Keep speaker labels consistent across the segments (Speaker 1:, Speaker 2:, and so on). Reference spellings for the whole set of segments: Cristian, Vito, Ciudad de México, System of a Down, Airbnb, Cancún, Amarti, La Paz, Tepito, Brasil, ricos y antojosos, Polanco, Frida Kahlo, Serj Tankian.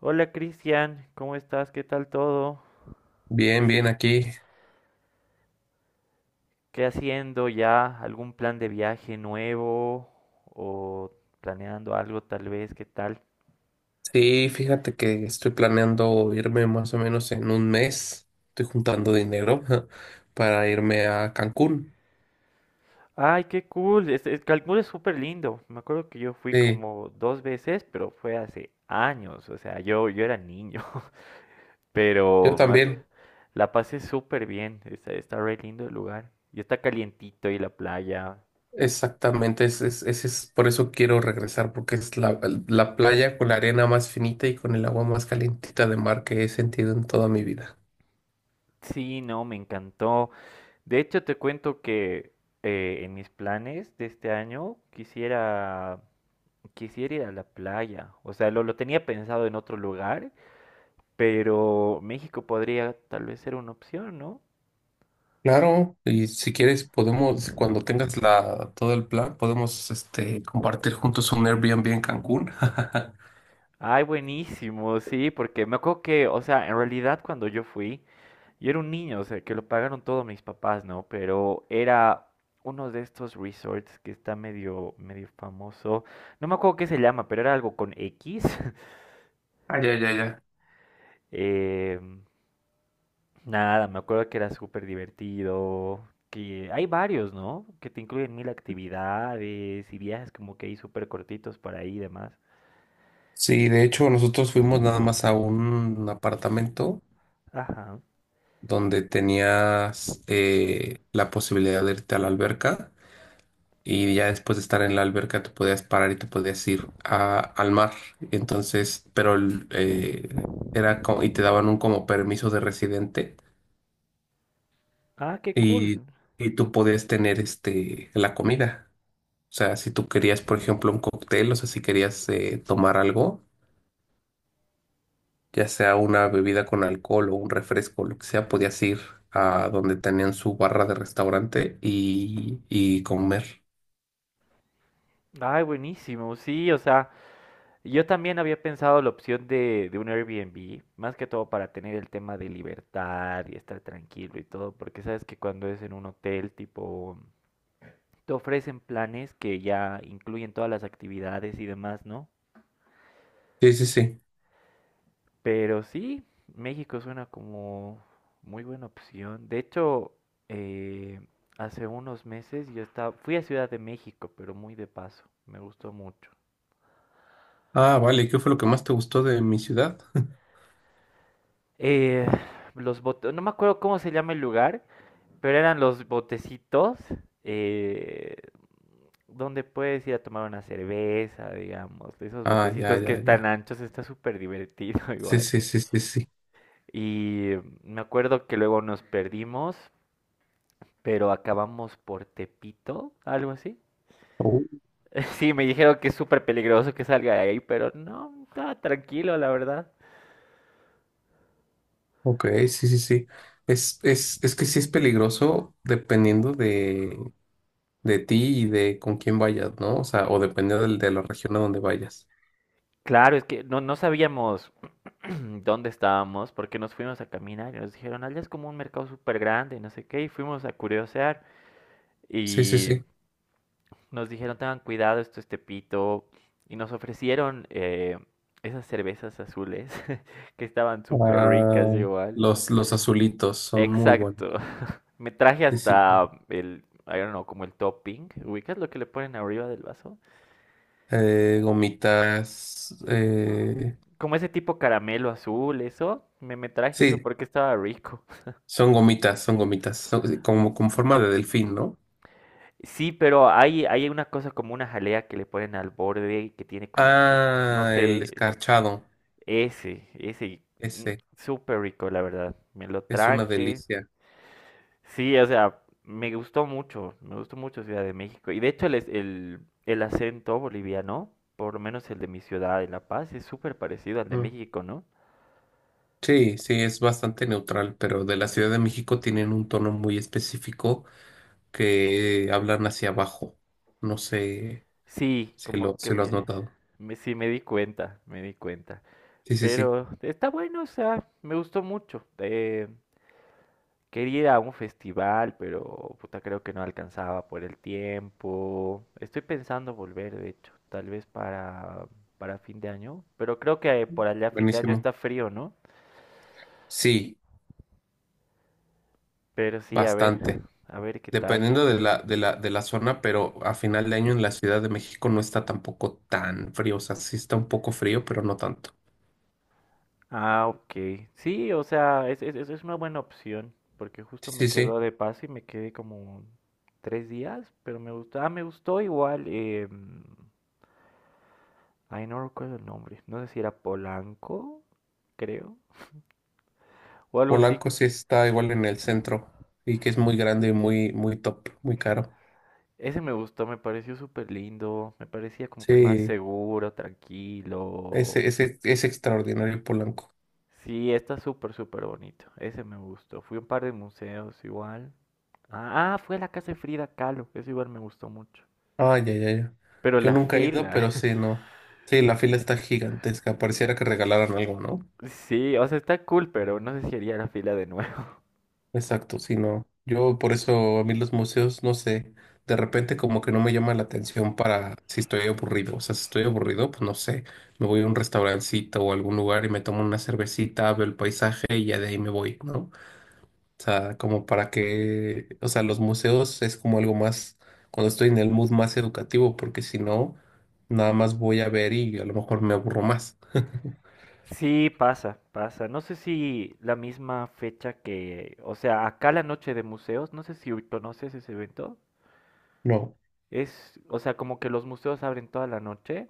Speaker 1: Hola Cristian, ¿cómo estás? ¿Qué tal todo?
Speaker 2: Bien, bien, aquí.
Speaker 1: ¿Qué haciendo ya? ¿Algún plan de viaje nuevo? ¿O planeando algo tal vez? ¿Qué tal?
Speaker 2: Sí, fíjate que estoy planeando irme más o menos en un mes. Estoy juntando dinero para irme a Cancún.
Speaker 1: Ay, qué cool. Este, Cancún es súper lindo. Me acuerdo que yo fui
Speaker 2: Sí,
Speaker 1: como dos veces, pero fue hace años. O sea, yo era niño.
Speaker 2: yo
Speaker 1: Pero me
Speaker 2: también,
Speaker 1: la pasé súper bien. Está re lindo el lugar. Y está calientito y la playa.
Speaker 2: exactamente. Es por eso quiero regresar, porque es la playa con la arena más finita y con el agua más calentita de mar que he sentido en toda mi vida.
Speaker 1: Sí, no, me encantó. De hecho, te cuento que en mis planes de este año quisiera ir a la playa. O sea, lo tenía pensado en otro lugar, pero México podría tal vez ser una opción, ¿no?
Speaker 2: Claro, y si quieres podemos, cuando tengas todo el plan, podemos compartir juntos un Airbnb en Cancún.
Speaker 1: Ay, buenísimo, sí, porque me acuerdo que, o sea, en realidad cuando yo fui, yo era un niño, o sea, que lo pagaron todos mis papás, ¿no? Pero era uno de estos resorts que está medio, medio famoso. No me acuerdo qué se llama, pero era algo con X.
Speaker 2: Ah, ya, ya, ya.
Speaker 1: em, Nada, me acuerdo que era súper divertido, que hay varios, ¿no? Que te incluyen mil actividades y viajes como que ahí súper cortitos para ahí y demás.
Speaker 2: Sí, de hecho nosotros fuimos nada más a un apartamento
Speaker 1: Ajá.
Speaker 2: donde tenías la posibilidad de irte a la alberca y ya después de estar en la alberca te podías parar y te podías ir al mar. Entonces, pero era como, y te daban un como permiso de residente
Speaker 1: Ah, qué cool.
Speaker 2: y, y tú podías tener la comida. O sea, si tú querías, por ejemplo, un cóctel, o sea, si querías tomar algo, ya sea una bebida con alcohol o un refresco, lo que sea, podías ir a donde tenían su barra de restaurante y comer.
Speaker 1: Ay, buenísimo. Sí, o sea, yo también había pensado la opción de un Airbnb, más que todo para tener el tema de libertad y estar tranquilo y todo, porque sabes que cuando es en un hotel, tipo, te ofrecen planes que ya incluyen todas las actividades y demás, ¿no?
Speaker 2: Sí, sí, sí.
Speaker 1: Pero sí, México suena como muy buena opción. De hecho, eh, hace unos meses yo estaba, fui a Ciudad de México, pero muy de paso. Me gustó mucho.
Speaker 2: Ah, vale, ¿qué fue lo que más te gustó de mi ciudad?
Speaker 1: Eh, no me acuerdo cómo se llama el lugar, pero eran los botecitos eh, donde puedes ir a tomar una cerveza, digamos. De esos
Speaker 2: Ah, ya,
Speaker 1: botecitos que
Speaker 2: ya,
Speaker 1: están
Speaker 2: ya.
Speaker 1: anchos, está súper divertido
Speaker 2: Sí,
Speaker 1: igual.
Speaker 2: sí, sí, sí, sí.
Speaker 1: Y me acuerdo que luego nos perdimos pero acabamos por Tepito, algo así.
Speaker 2: Oh,
Speaker 1: Sí, me dijeron que es súper peligroso que salga de ahí, pero no, estaba tranquilo, la verdad.
Speaker 2: ok, sí, sí, sí. Es que sí es peligroso, dependiendo de ti y de con quién vayas, ¿no? O sea, o dependiendo de la región a donde vayas.
Speaker 1: Claro, es que no, no sabíamos dónde estábamos, porque nos fuimos a caminar y nos dijeron, allá es como un mercado súper grande, no sé qué, y fuimos a curiosear
Speaker 2: Sí, sí,
Speaker 1: y
Speaker 2: sí.
Speaker 1: nos dijeron, tengan cuidado, esto es Tepito, y nos ofrecieron esas cervezas azules que estaban súper ricas
Speaker 2: Ah,
Speaker 1: igual.
Speaker 2: los azulitos son muy
Speaker 1: Exacto.
Speaker 2: buenos.
Speaker 1: Me traje
Speaker 2: Sí, sí,
Speaker 1: hasta
Speaker 2: sí.
Speaker 1: el, I don't know, como el topping. ¿Ubicas lo que le ponen arriba del vaso?
Speaker 2: Gomitas.
Speaker 1: Como ese tipo caramelo azul, eso. Me traje eso
Speaker 2: Sí,
Speaker 1: porque estaba rico.
Speaker 2: son gomitas, son gomitas, son sí, como con forma de delfín, ¿no?
Speaker 1: Sí, pero hay una cosa como una jalea que le ponen al borde y que tiene como, no
Speaker 2: Ah, el
Speaker 1: sé,
Speaker 2: escarchado.
Speaker 1: ese, ese. mm,
Speaker 2: Ese
Speaker 1: Súper rico, la verdad. Me lo
Speaker 2: es una
Speaker 1: traje.
Speaker 2: delicia.
Speaker 1: Sí, o sea, me gustó mucho Ciudad de México. Y de hecho el acento boliviano, por lo menos el de mi ciudad, de La Paz, es súper parecido al de
Speaker 2: Mm.
Speaker 1: México, ¿no?
Speaker 2: Sí, sí, es bastante neutral, pero de la Ciudad de México tienen un tono muy específico, que hablan hacia abajo. No sé
Speaker 1: Sí,
Speaker 2: si lo,
Speaker 1: como que
Speaker 2: si lo has notado.
Speaker 1: sí me di cuenta, me di cuenta.
Speaker 2: Sí, sí, sí.
Speaker 1: Pero está bueno, o sea, me gustó mucho. Quería ir a un festival, pero puta, creo que no alcanzaba por el tiempo. Estoy pensando volver, de hecho, tal vez para fin de año, pero creo que por allá fin de año
Speaker 2: Buenísimo.
Speaker 1: está frío, ¿no?
Speaker 2: Sí,
Speaker 1: Pero sí,
Speaker 2: bastante.
Speaker 1: a ver qué tal.
Speaker 2: Dependiendo de la zona, pero a final de año en la Ciudad de México no está tampoco tan frío. O sea, sí está un poco frío, pero no tanto.
Speaker 1: Ah, ok. Sí, o sea, es una buena opción, porque justo
Speaker 2: Sí,
Speaker 1: me
Speaker 2: sí, sí.
Speaker 1: quedó de paso y me quedé como tres días, pero me gustó, ah, me gustó igual, ay, no recuerdo el nombre, no sé si era Polanco, creo, o algo así.
Speaker 2: Polanco sí está igual en el centro y que es muy grande y muy, muy top, muy caro.
Speaker 1: Ese me gustó, me pareció súper lindo, me parecía como que más
Speaker 2: Sí,
Speaker 1: seguro, tranquilo.
Speaker 2: ese es extraordinario, Polanco.
Speaker 1: Sí, está súper, súper bonito. Ese me gustó. Fui a un par de museos igual. Ah, ah, fui a la casa de Frida Kahlo. Eso igual me gustó mucho.
Speaker 2: Ay, ya, ya, ya.
Speaker 1: Pero
Speaker 2: Yo
Speaker 1: la
Speaker 2: nunca he ido,
Speaker 1: fila.
Speaker 2: pero sí, no. Sí, la fila está gigantesca. Pareciera que regalaran algo, ¿no?
Speaker 1: Sí, o sea, está cool, pero no sé si haría la fila de nuevo.
Speaker 2: Exacto, sí, no. Yo por eso, a mí los museos, no sé, de repente como que no me llama la atención para si estoy aburrido. O sea, si estoy aburrido, pues no sé, me voy a un restaurancito o algún lugar y me tomo una cervecita, veo el paisaje y ya de ahí me voy, ¿no? O sea, como para que, o sea, los museos es como algo más, cuando estoy en el mood más educativo, porque si no, nada más voy a ver y a lo mejor me aburro más.
Speaker 1: Sí, pasa, pasa. No sé si la misma fecha que, o sea, acá la noche de museos, no sé si conoces ese evento.
Speaker 2: No,
Speaker 1: Es, o sea, como que los museos abren toda la noche.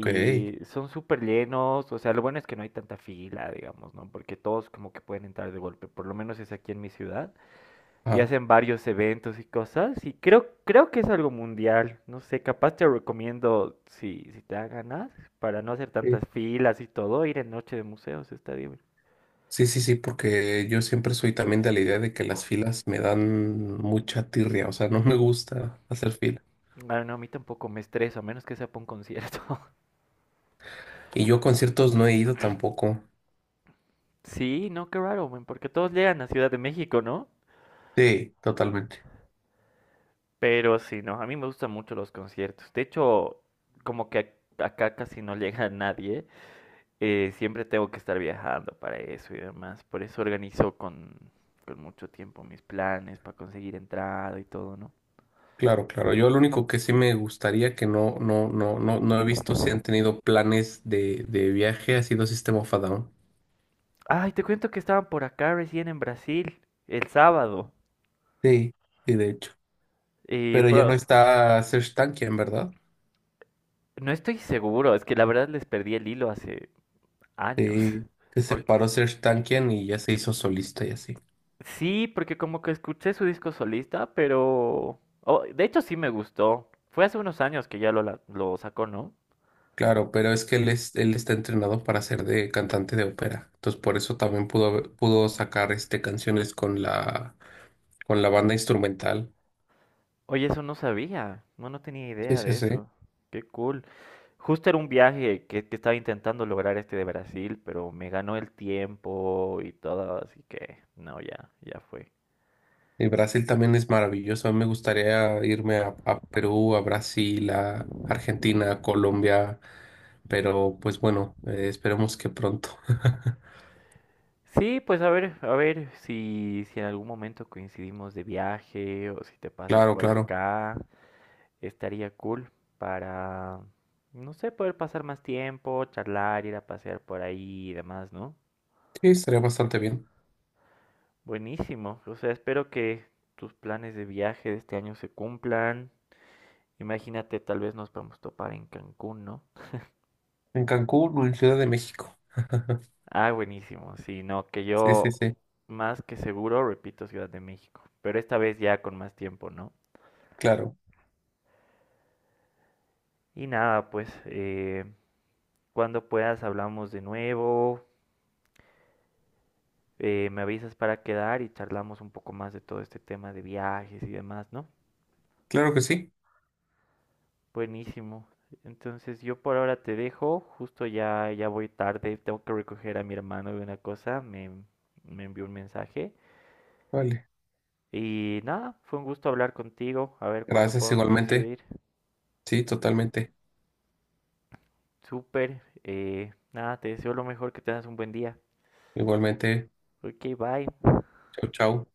Speaker 2: ok.
Speaker 1: son súper llenos, o sea, lo bueno es que no hay tanta fila, digamos, ¿no? Porque todos como que pueden entrar de golpe, por lo menos es aquí en mi ciudad, y
Speaker 2: Ah.
Speaker 1: hacen varios eventos y cosas, y creo que es algo mundial, no sé, capaz te recomiendo, si, si te da ganas, para no hacer tantas filas y todo, ir en noche de museos, está bien.
Speaker 2: Sí, sí, sí, porque yo siempre soy también de la idea de que las filas me dan mucha tirria, o sea, no me gusta hacer fila.
Speaker 1: Ah, no, a mí tampoco me estreso, a menos que sea para un concierto.
Speaker 2: Y yo a conciertos no he ido tampoco.
Speaker 1: Sí, no, qué raro, men, porque todos llegan a Ciudad de México, ¿no?
Speaker 2: Sí, totalmente.
Speaker 1: Pero sí, no, a mí me gustan mucho los conciertos. De hecho, como que acá casi no llega nadie, siempre tengo que estar viajando para eso y demás. Por eso organizo con mucho tiempo mis planes para conseguir entrada y todo, ¿no?
Speaker 2: Claro, claro. Yo lo único que sí me gustaría, que no he visto si han tenido planes de viaje, ha sido System of a Down.
Speaker 1: Ay, te cuento que estaban por acá recién en Brasil, el sábado.
Speaker 2: Sí, sí, de hecho.
Speaker 1: Eh,
Speaker 2: Pero ya no
Speaker 1: pro-
Speaker 2: está Serj Tankian, ¿verdad?
Speaker 1: no estoy seguro, es que la verdad les perdí el hilo hace años.
Speaker 2: Sí, se
Speaker 1: por
Speaker 2: separó Serj Tankian y ya se hizo solista y así.
Speaker 1: Sí, porque como que escuché su disco solista, pero... oh, de hecho sí me gustó. Fue hace unos años que ya lo sacó, ¿no?
Speaker 2: Claro, pero es que él está entrenado para ser de cantante de ópera. Entonces, por eso también pudo sacar canciones con la banda instrumental.
Speaker 1: Oye, eso no sabía. No, no tenía
Speaker 2: Sí,
Speaker 1: idea
Speaker 2: sí,
Speaker 1: de
Speaker 2: sí.
Speaker 1: eso. Qué cool. Justo era un viaje que estaba intentando lograr este de Brasil, pero me ganó el tiempo y todo, así que no, ya, ya fue.
Speaker 2: Y Brasil también es maravilloso. A mí me gustaría irme a Perú, a Brasil, a Argentina, a Colombia. Pero, pues bueno, esperemos que pronto.
Speaker 1: Sí, pues a ver si, si en algún momento coincidimos de viaje o si te pasas
Speaker 2: Claro,
Speaker 1: por
Speaker 2: claro.
Speaker 1: acá. Estaría cool para, no sé, poder pasar más tiempo, charlar, ir a pasear por ahí y demás, ¿no?
Speaker 2: Sí, estaría bastante bien.
Speaker 1: Buenísimo. O sea, espero que tus planes de viaje de este año se cumplan. Imagínate, tal vez nos podemos topar en Cancún, ¿no?
Speaker 2: En Cancún o en Ciudad de México.
Speaker 1: Ah, buenísimo. Sí, no, que
Speaker 2: Sí, sí,
Speaker 1: yo
Speaker 2: sí.
Speaker 1: más que seguro repito Ciudad de México, pero esta vez ya con más tiempo, ¿no?
Speaker 2: Claro.
Speaker 1: Y nada, pues cuando puedas hablamos de nuevo. Me avisas para quedar y charlamos un poco más de todo este tema de viajes y demás, ¿no?
Speaker 2: Claro que sí.
Speaker 1: Buenísimo. Entonces yo por ahora te dejo, justo ya, ya voy tarde, tengo que recoger a mi hermano de una cosa, me envió un mensaje.
Speaker 2: Vale.
Speaker 1: Y nada, fue un gusto hablar contigo, a ver cuándo
Speaker 2: Gracias
Speaker 1: podemos
Speaker 2: igualmente.
Speaker 1: coincidir.
Speaker 2: Sí, totalmente.
Speaker 1: Súper, nada, te deseo lo mejor, que tengas un buen día.
Speaker 2: Igualmente,
Speaker 1: Ok, bye.
Speaker 2: chau, chau.